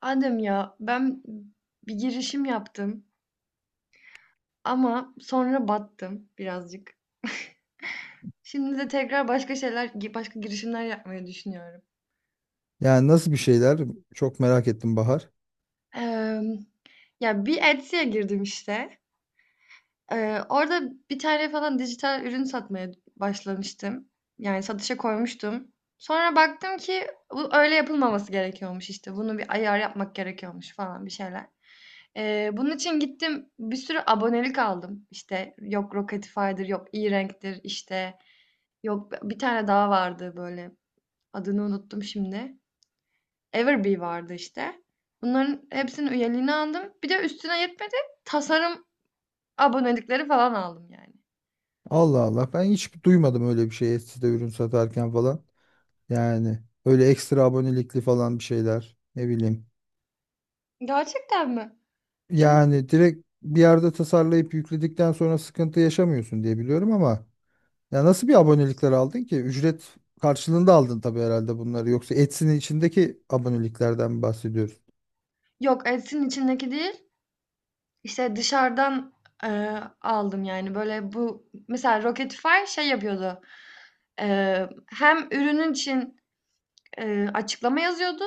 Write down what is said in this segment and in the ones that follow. Adem ya ben bir girişim yaptım ama sonra battım birazcık. Şimdi de tekrar başka şeyler, başka girişimler yapmayı düşünüyorum. Yani nasıl bir şeyler? Çok merak ettim Bahar. Eee, Ya bir Etsy'ye girdim işte. Orada bir tane falan dijital ürün satmaya başlamıştım. Yani satışa koymuştum. Sonra baktım ki bu öyle yapılmaması gerekiyormuş işte. Bunu bir ayar yapmak gerekiyormuş falan bir şeyler. Bunun için gittim bir sürü abonelik aldım. İşte yok Rocketifi'dir, yok e-Rank'tir işte. Yok bir tane daha vardı böyle. Adını unuttum şimdi. Everbee vardı işte. Bunların hepsinin üyeliğini aldım. Bir de üstüne yetmedi. Tasarım abonelikleri falan aldım yani. Allah Allah. Ben hiç duymadım öyle bir şey Etsy'de ürün satarken falan. Yani öyle ekstra abonelikli falan bir şeyler. Ne bileyim. Gerçekten mi? Çünkü. Yani direkt bir yerde tasarlayıp yükledikten sonra sıkıntı yaşamıyorsun diye biliyorum ama ya nasıl bir abonelikler aldın ki? Ücret karşılığında aldın tabii herhalde bunları. Yoksa Etsy'nin içindeki aboneliklerden mi bahsediyoruz? Yok, Etsy'nin içindeki değil, İşte dışarıdan, aldım yani, böyle, bu mesela Rocketify şey yapıyordu, hem ürünün için, açıklama yazıyordu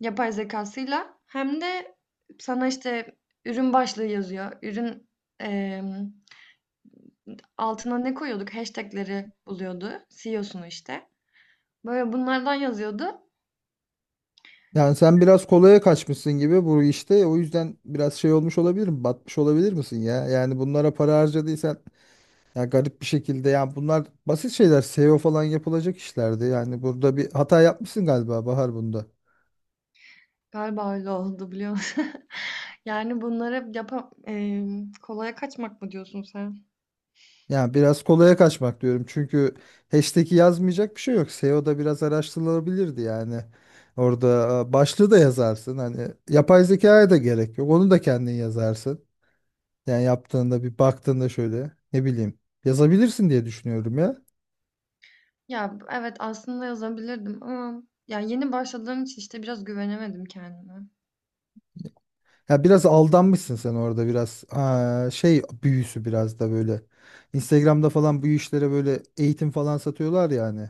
yapay zekâsıyla hem de sana, işte, ürün başlığı yazıyor. Ürün, emm, altına ne koyuyorduk? Hashtag'leri buluyordu, CEO'sunu, işte. Böyle bunlardan yazıyordu. Yani sen biraz kolaya kaçmışsın gibi bu işte. O yüzden biraz şey olmuş olabilir mi? Batmış olabilir misin ya? Yani bunlara para harcadıysan ya garip bir şekilde yani bunlar basit şeyler. SEO falan yapılacak işlerdi. Yani burada bir hata yapmışsın galiba Bahar bunda. Galiba öyle oldu biliyor musun? Yani bunları hep kolaya kaçmak mı diyorsun sen? Yani biraz kolaya kaçmak diyorum. Çünkü hashtag'i yazmayacak bir şey yok. SEO'da biraz araştırılabilirdi yani. Orada başlığı da yazarsın. Hani yapay zekaya da gerek yok. Onu da kendin yazarsın. Yani yaptığında bir baktığında şöyle ne bileyim yazabilirsin diye düşünüyorum ya. Ya evet aslında yazabilirdim ama ya yeni başladığım için işte biraz güvenemedim kendime. Ya biraz aldanmışsın sen orada biraz şey büyüsü biraz da böyle. Instagram'da falan bu işlere böyle eğitim falan satıyorlar ya hani.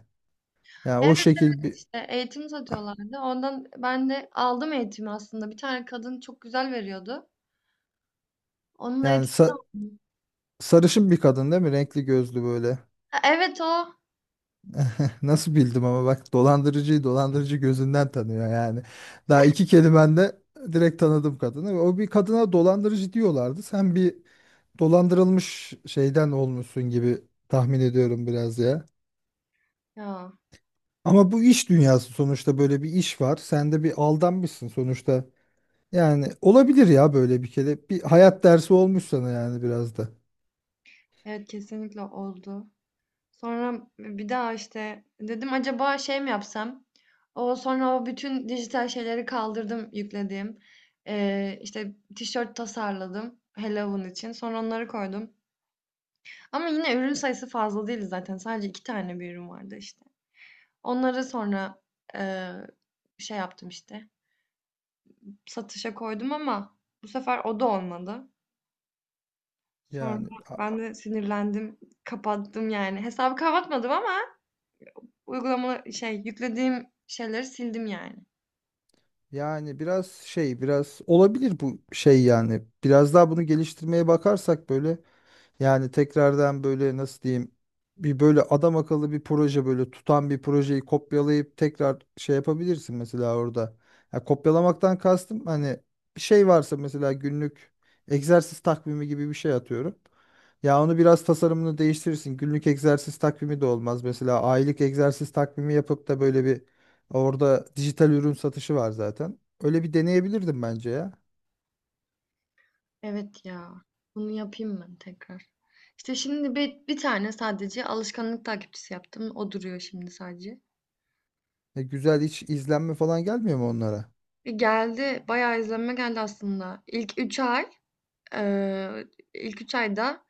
Yani Evet, o şekil evet bir işte eğitim satıyorlardı. Ondan ben de aldım eğitimi aslında. Bir tane kadın çok güzel veriyordu. Onun yani sa- eğitimini. sarışın bir kadın değil mi? Renkli gözlü böyle. Ha, evet o. Nasıl bildim ama bak dolandırıcıyı dolandırıcı gözünden tanıyor yani. Daha iki kelimende direkt tanıdım kadını. O bir kadına dolandırıcı diyorlardı. Sen bir dolandırılmış şeyden olmuşsun gibi tahmin ediyorum biraz ya. Ya Ama bu iş dünyası sonuçta böyle bir iş var. Sen de bir aldanmışsın sonuçta. Yani olabilir ya böyle bir kere. Bir hayat dersi olmuş sana yani biraz da. evet kesinlikle oldu. Sonra bir daha işte dedim acaba şey mi yapsam? O sonra o bütün dijital şeyleri kaldırdım yüklediğim. İşte tişört tasarladım Halloween için. Sonra onları koydum. Ama yine ürün sayısı fazla değildi zaten. Sadece iki tane bir ürün vardı işte. Onları sonra eee, şey yaptım işte. Satışa koydum ama bu sefer o da olmadı. Sonra Yani a- ben de sinirlendim. Kapattım yani. Hesabı kapatmadım ama uygulama şey yüklediğim şeyleri sildim yani. yani biraz şey biraz olabilir bu şey yani. Biraz daha bunu geliştirmeye bakarsak böyle. Yani tekrardan böyle nasıl diyeyim bir böyle adam akıllı bir proje böyle tutan bir projeyi kopyalayıp tekrar şey yapabilirsin mesela orada. Ya kopyalamaktan kastım hani bir şey varsa mesela günlük egzersiz takvimi gibi bir şey atıyorum. Ya onu biraz tasarımını değiştirirsin. Günlük egzersiz takvimi de olmaz. Mesela aylık egzersiz takvimi yapıp da böyle bir orada dijital ürün satışı var zaten. Öyle bir deneyebilirdim bence ya. Evet ya. Bunu yapayım ben tekrar. İşte şimdi bir tane sadece alışkanlık takipçisi yaptım. O duruyor şimdi sadece. Ya güzel hiç izlenme falan gelmiyor mu onlara? Geldi. Bayağı izlenme geldi aslında. Eee, ilk 3 ayda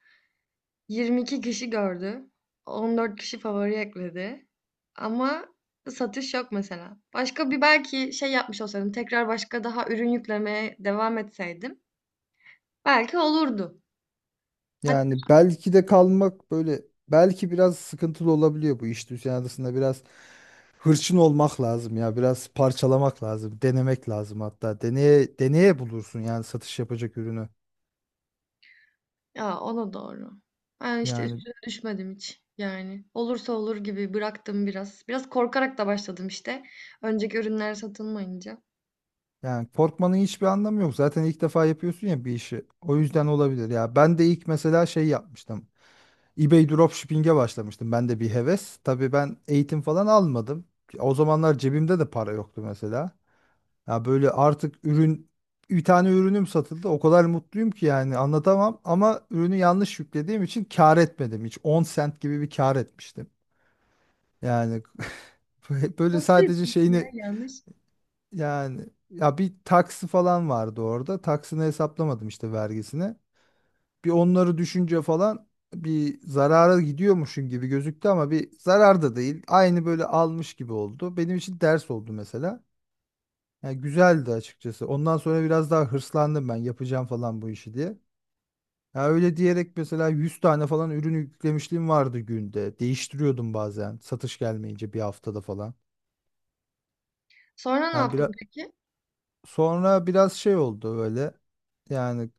22 kişi gördü. 14 kişi favori ekledi. Ama satış yok mesela. Başka bir belki şey yapmış olsaydım, tekrar başka daha ürün yüklemeye devam etseydim belki olurdu. Hatta. Yani belki de kalmak böyle belki biraz sıkıntılı olabiliyor bu iş dünyasında biraz hırçın olmak lazım ya biraz parçalamak lazım denemek lazım hatta deneye deneye bulursun yani satış yapacak ürünü Ya o da doğru. Ben işte yani üstüne düşmedim hiç yani. Olursa olur gibi bıraktım biraz. Biraz korkarak da başladım işte. Önceki ürünler satılmayınca. yani korkmanın hiçbir anlamı yok zaten ilk defa yapıyorsun ya bir işi o yüzden olabilir ya ben de ilk mesela şey yapmıştım eBay dropshipping'e başlamıştım ben de bir heves tabii ben eğitim falan almadım o zamanlar cebimde de para yoktu mesela. Ya böyle artık ürün bir tane ürünüm satıldı. O kadar mutluyum ki yani anlatamam ama ürünü yanlış yüklediğim için kâr etmedim hiç. 10 sent gibi bir kâr etmiştim. Yani böyle böyle Nasıl sadece yapıyorsun ya şeyini yanlış. yani ya bir taksi falan vardı orada. Taksini hesaplamadım işte vergisini. Bir onları düşünce falan bir zarara gidiyormuşum gibi gözüktü ama bir zarar da değil. Aynı böyle almış gibi oldu. Benim için ders oldu mesela. Ya güzeldi açıkçası. Ondan sonra biraz daha hırslandım ben yapacağım falan bu işi diye. Ya öyle diyerek mesela 100 tane falan ürün yüklemişliğim vardı günde. Değiştiriyordum bazen satış gelmeyince bir haftada falan. Sonra ne Yani yaptın biraz peki? sonra biraz şey oldu böyle. Yani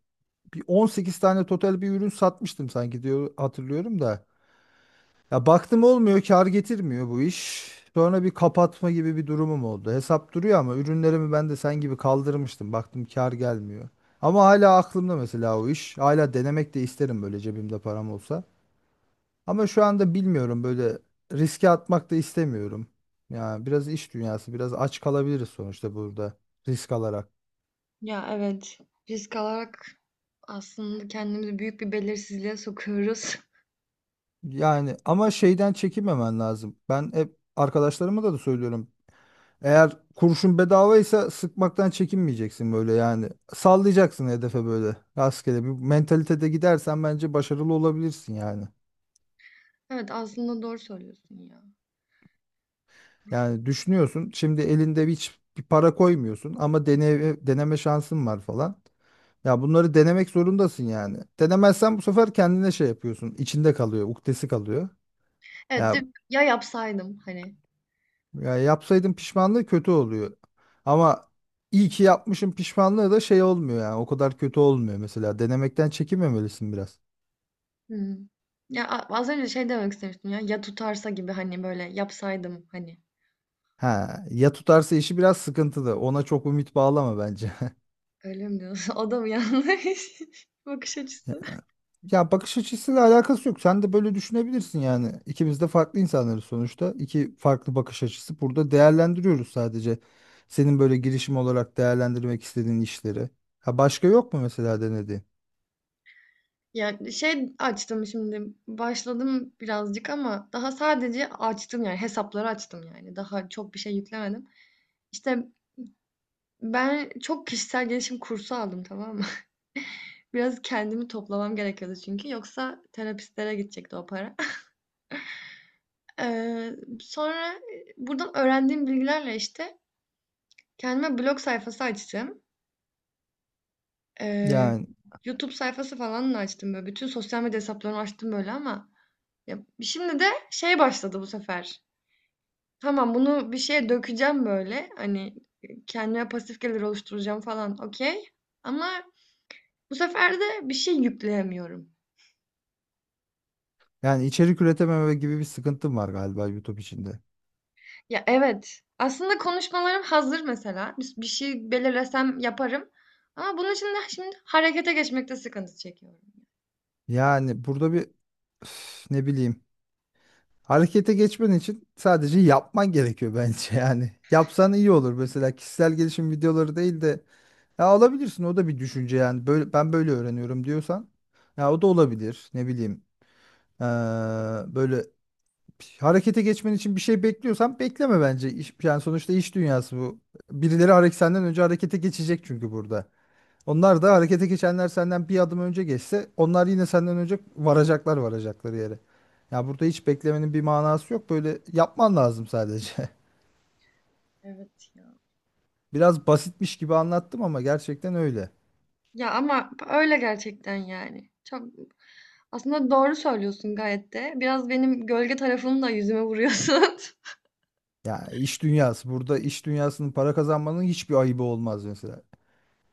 bir 18 tane total bir ürün satmıştım sanki diyor hatırlıyorum da. Ya baktım olmuyor, kar getirmiyor bu iş. Sonra bir kapatma gibi bir durumum oldu. Hesap duruyor ama ürünlerimi ben de sen gibi kaldırmıştım. Baktım kar gelmiyor. Ama hala aklımda mesela o iş. Hala denemek de isterim böyle cebimde param olsa. Ama şu anda bilmiyorum böyle riske atmak da istemiyorum. Ya biraz iş dünyası, biraz aç kalabiliriz sonuçta burada risk alarak. Ya evet. Risk alarak aslında kendimizi büyük bir belirsizliğe sokuyoruz. Yani ama şeyden çekinmemen lazım. Ben hep arkadaşlarıma da söylüyorum. Eğer kurşun bedavaysa sıkmaktan çekinmeyeceksin böyle yani. Sallayacaksın hedefe böyle rastgele bir mentalitede gidersen bence başarılı olabilirsin yani. Evet aslında doğru söylüyorsun ya. Yani düşünüyorsun şimdi elinde hiç bir para koymuyorsun ama deneme şansın var falan. Ya bunları denemek zorundasın yani. Denemezsen bu sefer kendine şey yapıyorsun. İçinde kalıyor, ukdesi kalıyor. Evet değil Ya mi? Ya yapsaydım hani. ya yapsaydım pişmanlığı kötü oluyor. Ama iyi ki yapmışım pişmanlığı da şey olmuyor yani. O kadar kötü olmuyor mesela. Denemekten çekinmemelisin biraz. Hı. Ya az önce şey demek istemiştim ya. Ya tutarsa gibi hani böyle yapsaydım hani. Ha, ya tutarsa işi biraz sıkıntılı. Ona çok ümit bağlama bence. Öyle mi diyorsun? O da mı yanlış bakış açısı? Ya bakış açısıyla alakası yok. Sen de böyle düşünebilirsin yani. İkimiz de farklı insanlarız sonuçta. İki farklı bakış açısı. Burada değerlendiriyoruz sadece. Senin böyle girişim olarak değerlendirmek istediğin işleri. Ha başka yok mu mesela denediğin? Yani, şey açtım şimdi, başladım birazcık ama daha sadece açtım, yani, hesapları açtım, yani. Daha çok bir şey yüklemedim. İşte, ben çok kişisel gelişim kursu aldım, tamam mı? Biraz kendimi toplamam gerekiyordu çünkü yoksa terapistlere gidecekti o para. Sonra, buradan öğrendiğim bilgilerle, işte, kendime blog sayfası açtım. Eee, Yani YouTube sayfası falan da açtım, böyle, bütün sosyal medya hesaplarını açtım, böyle, ama ya, şimdi de şey başladı bu sefer. Tamam bunu bir şeye dökeceğim böyle. Hani kendime pasif gelir oluşturacağım falan okey. Ama bu sefer de bir şey yükleyemiyorum. yani içerik üretememe gibi bir sıkıntım var galiba YouTube içinde. Ya evet. Aslında konuşmalarım hazır mesela. Bir şey belirlesem yaparım. Ama bunun için de şimdi harekete geçmekte sıkıntı çekiyorum. Yani burada bir üf, ne bileyim. Harekete geçmen için sadece yapman gerekiyor bence yani. Yapsan iyi olur mesela kişisel gelişim videoları değil de ya alabilirsin o da bir düşünce yani böyle ben böyle öğreniyorum diyorsan ya o da olabilir ne bileyim. Ee, böyle harekete geçmen için bir şey bekliyorsan bekleme bence. Yani sonuçta iş dünyası bu birileri hareket senden önce harekete geçecek çünkü burada. Onlar da harekete geçenler senden bir adım önce geçse onlar yine senden önce varacaklar varacakları yere. Ya burada hiç beklemenin bir manası yok. Böyle yapman lazım sadece. Evet ya. Biraz basitmiş gibi anlattım ama gerçekten öyle. Ya ama öyle gerçekten yani. Çok aslında doğru söylüyorsun gayet de. Biraz benim gölge tarafımı da yüzüme vuruyorsun. Ya iş dünyası. Burada iş dünyasının para kazanmanın hiçbir ayıbı olmaz mesela.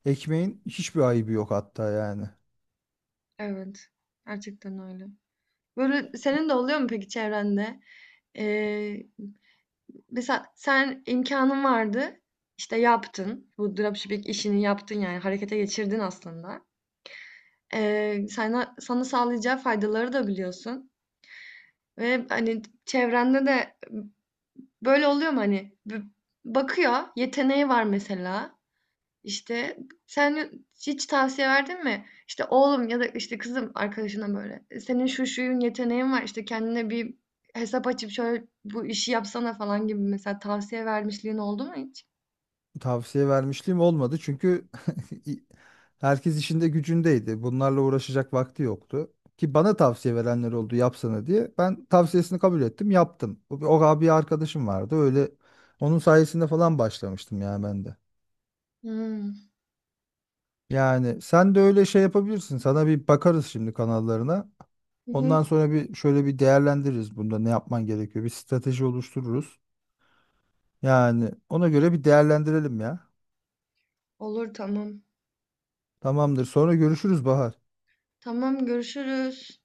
Ekmeğin hiçbir ayıbı yok hatta yani. Evet, gerçekten öyle. Böyle senin de oluyor mu peki çevrende? Eee, Mesela sen imkanın vardı, işte yaptın. Bu dropshipping işini yaptın yani harekete geçirdin aslında. Sana, sağlayacağı faydaları da biliyorsun. Ve hani çevrende de böyle oluyor mu hani bakıyor, yeteneği var mesela. İşte, sen hiç tavsiye verdin mi? İşte, "Oğlum ya da, işte, kızım" arkadaşına böyle, "Senin şu şuyun yeteneğin var, işte, kendine bir hesap açıp şöyle bu işi yapsana." falan gibi mesela tavsiye vermişliğin oldu mu hiç? Tavsiye vermişliğim olmadı çünkü i- herkes işinde gücündeydi. Bunlarla uğraşacak vakti yoktu. Ki bana tavsiye verenler oldu yapsana diye. Ben tavsiyesini kabul ettim, yaptım. O abi arkadaşım vardı. Öyle onun sayesinde falan başlamıştım ya ben de. Hımm. Yani sen de öyle şey yapabilirsin. Sana bir bakarız şimdi kanallarına. Hı hı. Ondan sonra bir şöyle bir değerlendiririz bunda ne yapman gerekiyor. Bir strateji oluştururuz. Yani ona göre bir değerlendirelim ya. Olur, tamam. Tamamdır. Sonra görüşürüz Bahar. Tamam, görüşürüz.